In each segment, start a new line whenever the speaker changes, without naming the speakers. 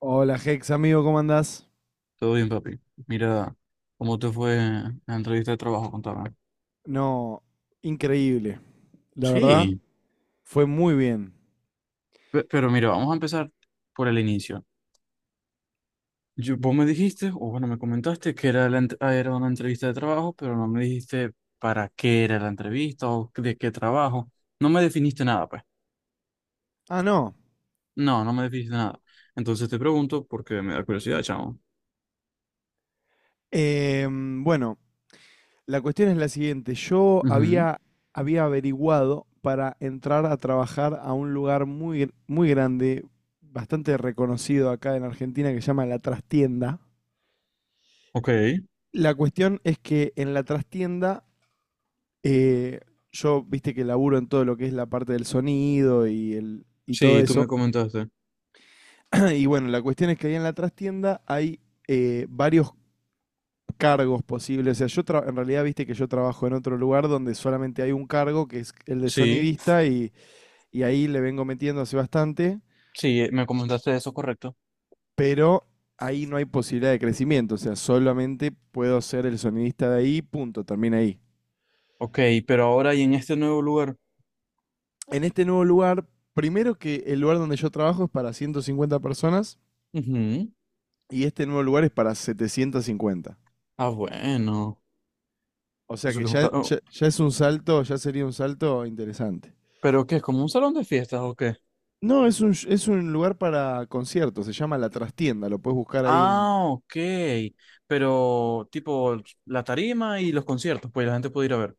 Hola Hex, amigo, ¿cómo andás?
Todo bien, papi. Mira, ¿cómo te fue en la entrevista de trabajo? Contame.
No, increíble. La verdad,
Sí.
fue muy bien.
Pero mira, vamos a empezar por el inicio. Vos me dijiste, o bueno, me comentaste que era, era una entrevista de trabajo, pero no me dijiste para qué era la entrevista o de qué trabajo. No me definiste nada, pues.
Ah, no.
No, no me definiste nada. Entonces te pregunto porque me da curiosidad, chamo.
Bueno, la cuestión es la siguiente. Yo
Ujú.
había averiguado para entrar a trabajar a un lugar muy grande, bastante reconocido acá en Argentina, que se llama La Trastienda.
Ok.
La cuestión es que en La Trastienda, eh, yo, viste que laburo en todo lo que es la parte del sonido y todo
Sí, tú me
eso.
comentaste.
Y bueno, la cuestión es que ahí en la trastienda hay varios cargos posibles. O sea, en realidad viste que yo trabajo en otro lugar donde solamente hay un cargo, que es el de
Sí,
sonidista, y ahí le vengo metiendo hace bastante,
sí, me comentaste eso, correcto.
pero ahí no hay posibilidad de crecimiento. O sea, solamente puedo ser el sonidista de ahí, punto, termina ahí.
Ok, pero ahora y en este nuevo lugar.
En este nuevo lugar, primero que el lugar donde yo trabajo es para 150 personas
Ujú.
y este nuevo lugar es para 750.
Ah, bueno.
O sea
Eso
que
que es un
ya,
salón.
ya, ya es un salto, ya sería un salto interesante.
¿Pero qué? ¿Es como un salón de fiestas o qué?
No, es un lugar para conciertos, se llama La Trastienda, lo puedes buscar ahí en...
Ah, ok. Pero tipo la tarima y los conciertos, pues la gente puede ir a ver,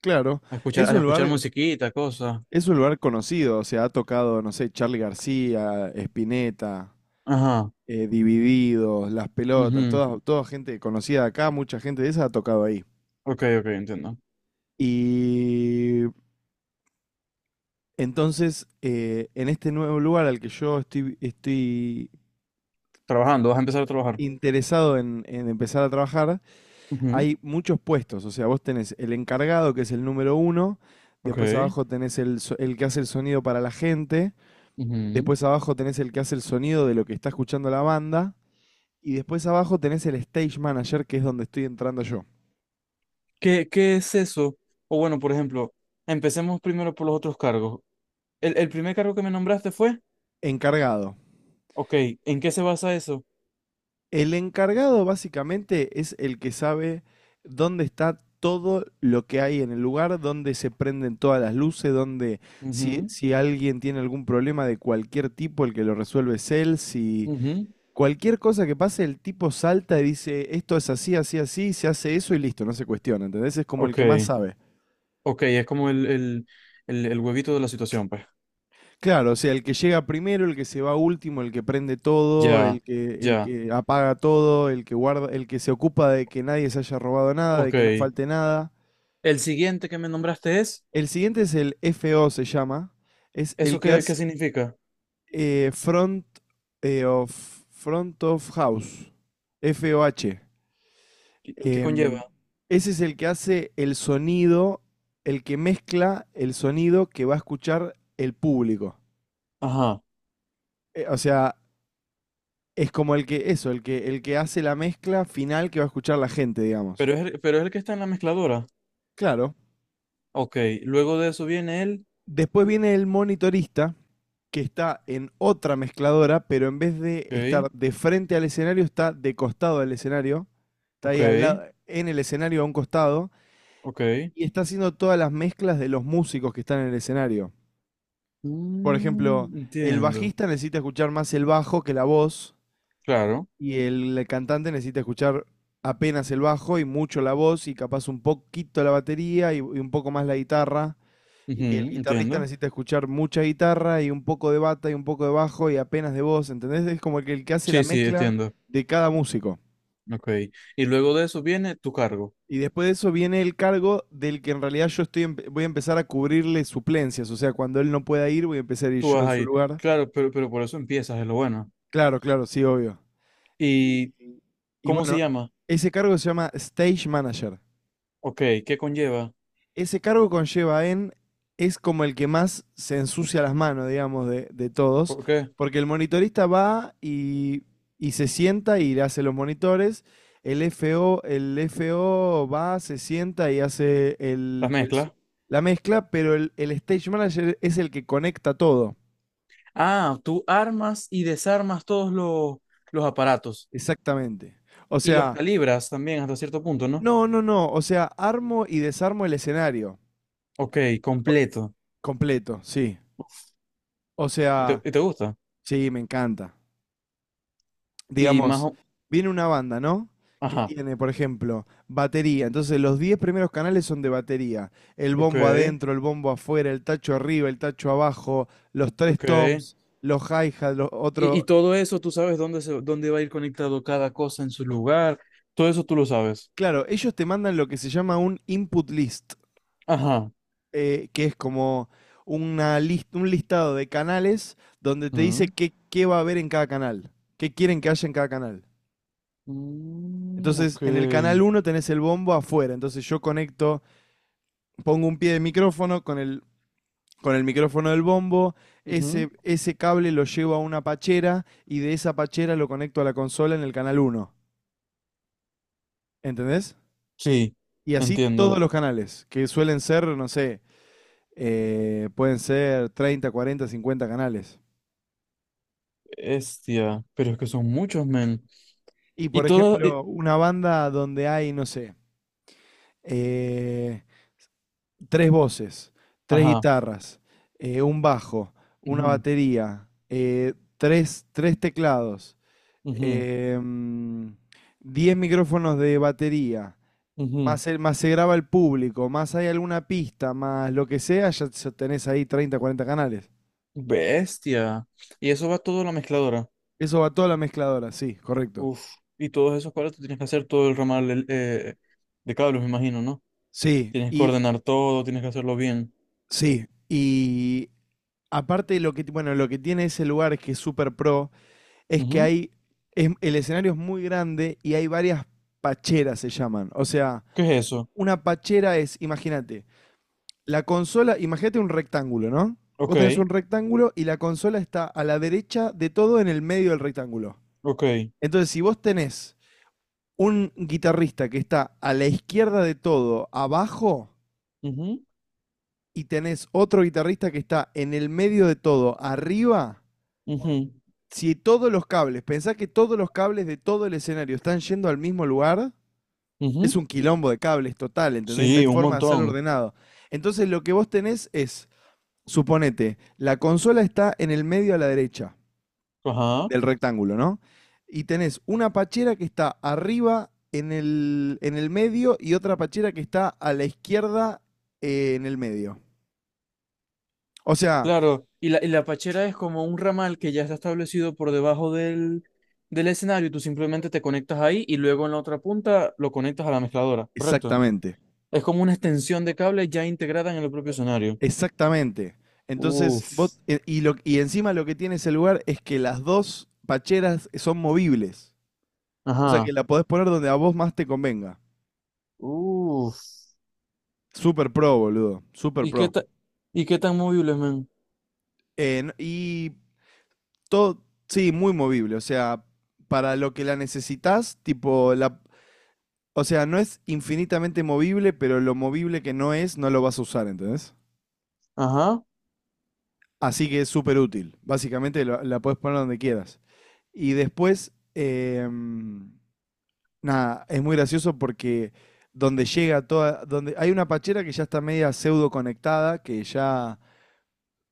Claro, es
a
un
escuchar
lugar,
musiquita, cosas.
es un lugar conocido, o sea, ha tocado, no sé, Charly García, Spinetta,
Ajá.
Divididos, Las Pelotas,
Mhm.
toda, toda gente conocida de acá, mucha gente de esa ha tocado ahí.
Ok, ok, entiendo.
Y entonces, en este nuevo lugar al que yo estoy
Trabajando, vas a empezar a trabajar.
interesado en empezar a trabajar,
Ujú.
hay muchos puestos. O sea, vos tenés el encargado, que es el número uno. Después
Ok.
abajo tenés el que hace el sonido para la gente.
Ujú.
Después abajo tenés el que hace el sonido de lo que está escuchando la banda. Y después abajo tenés el stage manager, que es donde estoy entrando yo.
¿Qué, qué es eso? O bueno, por ejemplo, empecemos primero por los otros cargos. El primer cargo que me nombraste fue,
Encargado.
ok, ¿en qué se basa eso?
El encargado básicamente es el que sabe dónde está todo lo que hay en el lugar, dónde se prenden todas las luces, dónde si,
Mhm.
si alguien tiene algún problema de cualquier tipo, el que lo resuelve es él. Si
Mhm.
Cualquier cosa que pase, el tipo salta y dice, esto es así, así, así, se hace eso y listo, no se cuestiona, ¿entendés? Es como el
Ok.
que más sabe.
Ok, es como el huevito de la situación, pues.
Claro, o sea, el que llega primero, el que se va último, el que prende todo,
Ya,
el
ya.
que apaga todo, el que guarda, el que se ocupa de que nadie se haya robado nada, de
Ok.
que no falte nada.
El siguiente que me nombraste es,
El siguiente es el FO, se llama. Es el
¿eso
que
qué, qué
hace
significa?
eh, front, eh, of, front of house. FOH.
Y qué conlleva?
Em, Ese es el que hace el sonido, el que mezcla el sonido que va a escuchar el público.
Ajá.
O sea, es como el que hace la mezcla final que va a escuchar la gente, digamos.
Pero es, pero es el que está en la mezcladora.
Claro.
Ok. Luego de eso viene el.
Después viene el monitorista, que está en otra mezcladora, pero en vez de
Ok,
estar de frente al escenario, está de costado al escenario. Está
ok,
ahí al lado, en el escenario a un costado,
ok.
y está haciendo todas las mezclas de los músicos que están en el escenario. Por ejemplo,
Mm,
el
entiendo.
bajista necesita escuchar más el bajo que la voz
Claro.
y el cantante necesita escuchar apenas el bajo y mucho la voz y capaz un poquito la batería y un poco más la guitarra. Y el
Ujú,
guitarrista
entiendo.
necesita escuchar mucha guitarra y un poco de bata y un poco de bajo y apenas de voz, ¿entendés? Es como que el que hace la
Sí, sí,
mezcla
entiendo.
de cada músico.
Ok. Y luego de eso viene tu cargo.
Y después de eso viene el cargo del que en realidad voy a empezar a cubrirle suplencias, o sea, cuando él no pueda ir voy a empezar a ir
Tú
yo
vas
en su
ahí.
lugar.
Claro, pero por eso empiezas, es lo bueno.
Claro, claro, sí, obvio.
¿Y
Y
cómo se
bueno,
llama?
ese cargo se llama Stage Manager.
Ok, ¿qué conlleva?
Ese cargo es como el que más se ensucia las manos, digamos, de todos,
¿Por qué?
porque el monitorista va y se sienta y le hace los monitores. El FO va, se sienta y hace
¿Las
el
mezclas?
la mezcla, pero el stage manager es el que conecta todo.
Ah, tú armas y desarmas todos los aparatos
Exactamente. O
y los
sea,
calibras también hasta cierto punto, ¿no?
no, no, no. O sea, armo y desarmo el escenario.
Ok,
O-
completo.
Completo, sí. O sea,
Y te gusta?
sí, me encanta.
Y más
Digamos,
o...
viene una banda, ¿no? Que
Ajá.
tiene, por ejemplo, batería. Entonces, los 10 primeros canales son de batería. El
Ok,
bombo adentro, el bombo afuera, el tacho arriba, el tacho abajo, los tres
ok.
toms, los hi-hats, los
Y
otros.
todo eso, tú sabes dónde, se, dónde va a ir conectado cada cosa en su lugar. Todo eso tú lo sabes.
Claro, ellos te mandan lo que se llama un input list,
Ajá.
que es como un listado de canales donde te dice
Mm,
qué va a haber en cada canal, qué quieren que haya en cada canal.
mm,
Entonces,
ok.
en el canal uno tenés el bombo afuera. Entonces, yo conecto, pongo un pie de micrófono con el micrófono del bombo.
Ujú.
Ese cable lo llevo a una pachera y de esa pachera lo conecto a la consola en el canal uno. ¿Entendés?
Sí,
Y así todos
entiendo.
los canales, que suelen ser, no sé, pueden ser 30, 40, 50 canales.
Estia, pero es que son muchos, men.
Y
Y
por
todo,
ejemplo, una banda donde hay, no sé, eh, 3 voces, tres
ajá.
guitarras, un bajo, una
Ujú,
batería, tres teclados,
ujú,
em, 10 micrófonos de batería,
ujú.
más, más se graba el público, más hay alguna pista, más lo que sea, tenés ahí 30, 40 canales.
Bestia. Y eso va todo a la mezcladora.
Eso va toda la mezcladora, sí, correcto.
Uf. Y todos esos cuadros tú tienes que hacer todo el ramal de cables, me imagino, ¿no?
Sí,
Tienes que
y
ordenar todo, tienes que hacerlo bien.
sí, y aparte lo que, bueno, lo que tiene ese lugar es que es súper pro, es que
Ujú.
hay, el escenario es muy grande y hay varias pacheras, se llaman. O sea,
¿Qué es eso?
una pachera es, imagínate, la consola, imagínate un rectángulo, ¿no?
Ok,
Vos tenés un rectángulo y la consola está a la derecha de todo en el medio del rectángulo.
ok.
Entonces, si vos tenés un guitarrista que está a la izquierda de todo, abajo,
Ujú,
y tenés otro guitarrista que está en el medio de todo, arriba,
ujú,
si todos los cables, pensá que todos los cables de todo el escenario están yendo al mismo lugar, es
ujú.
un quilombo de cables total, ¿entendés? No hay
Sí, un
forma de hacerlo
montón.
ordenado. Entonces lo que vos tenés es, suponete, la consola está en el medio a la derecha
Ajá.
del rectángulo, ¿no? Y tenés una pachera que está arriba en el medio y otra pachera que está a la izquierda en el medio. O sea,
Claro. Y la pachera es como un ramal que ya está establecido por debajo del escenario y tú simplemente te conectas ahí y luego en la otra punta lo conectas a la mezcladora, ¿correcto?
exactamente,
Es como una extensión de cable ya integrada en el propio escenario.
exactamente. Entonces, vos,
Uf.
e- y, lo, y encima lo que tiene ese lugar es que las dos pacheras son movibles. O sea que
Ajá.
la podés poner donde a vos más te convenga.
Uf.
Super pro, boludo. Super
¿Y qué
pro.
ta- ¿Y qué tan móviles, men?
Eh, no- y todo, sí, muy movible. O sea, para lo que la necesitas, o sea, no es infinitamente movible, pero lo movible que no es, no lo vas a usar, ¿entendés?
Ajá.
Así que es súper útil. Básicamente la puedes poner donde quieras. Y después, nada, es muy gracioso porque donde llega toda, donde hay una pachera que ya está media pseudo conectada, que ya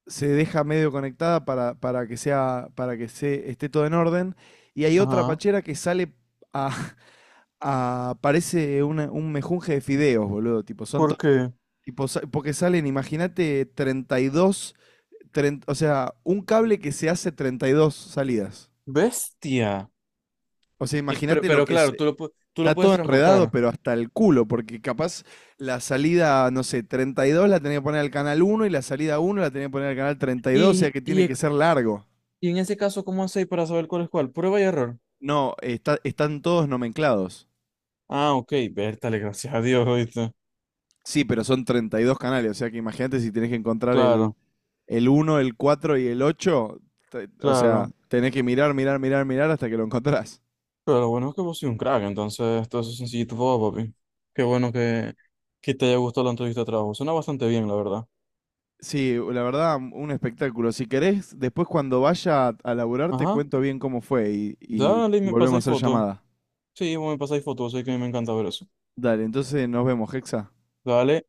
se deja medio conectada para que sea, para que se, esté todo en orden. Y hay otra
Ajá.
pachera que sale a, parece un mejunje de fideos, boludo. Tipo, son
¿Por
to-
qué?
tipo, sa- porque salen, imagínate, 32, 30, o sea, un cable que se hace 32 salidas.
Bestia.
O sea,
Y,
imagínate lo
pero
que es.
claro, tú lo
Está
puedes
todo enredado,
transportar.
pero hasta el culo, porque capaz la salida, no sé, 32 la tenía que poner al canal uno y la salida uno la tenía que poner al canal 32, o sea
Y,
que
y,
tiene
e-
que ser largo.
y en ese caso, ¿cómo hacéis para saber cuál es cuál? Prueba y error.
No, están todos nomenclados.
Ah, ok. Vértale, gracias a Dios, ¿oíste?
Sí, pero son 32 canales, o sea que imagínate si tenés que encontrar el,
Claro,
el uno, el 4 y el 8, o sea,
claro.
tenés que mirar, mirar, mirar, mirar hasta que lo encontrás.
Pero lo bueno es que vos sois un crack, entonces todo eso es sencillito, todo, papi. Qué bueno que te haya gustado la entrevista de trabajo. Suena bastante bien, la verdad.
Sí, la verdad, un espectáculo. Si querés, después cuando vaya a laburar te
Ajá,
cuento bien cómo fue y, y
dale,
y
me pasáis
volvemos a hacer
fotos.
llamada.
Sí, vos me pasáis fotos, sé que a mí me encanta ver eso.
Dale, entonces nos vemos, Hexa.
Dale,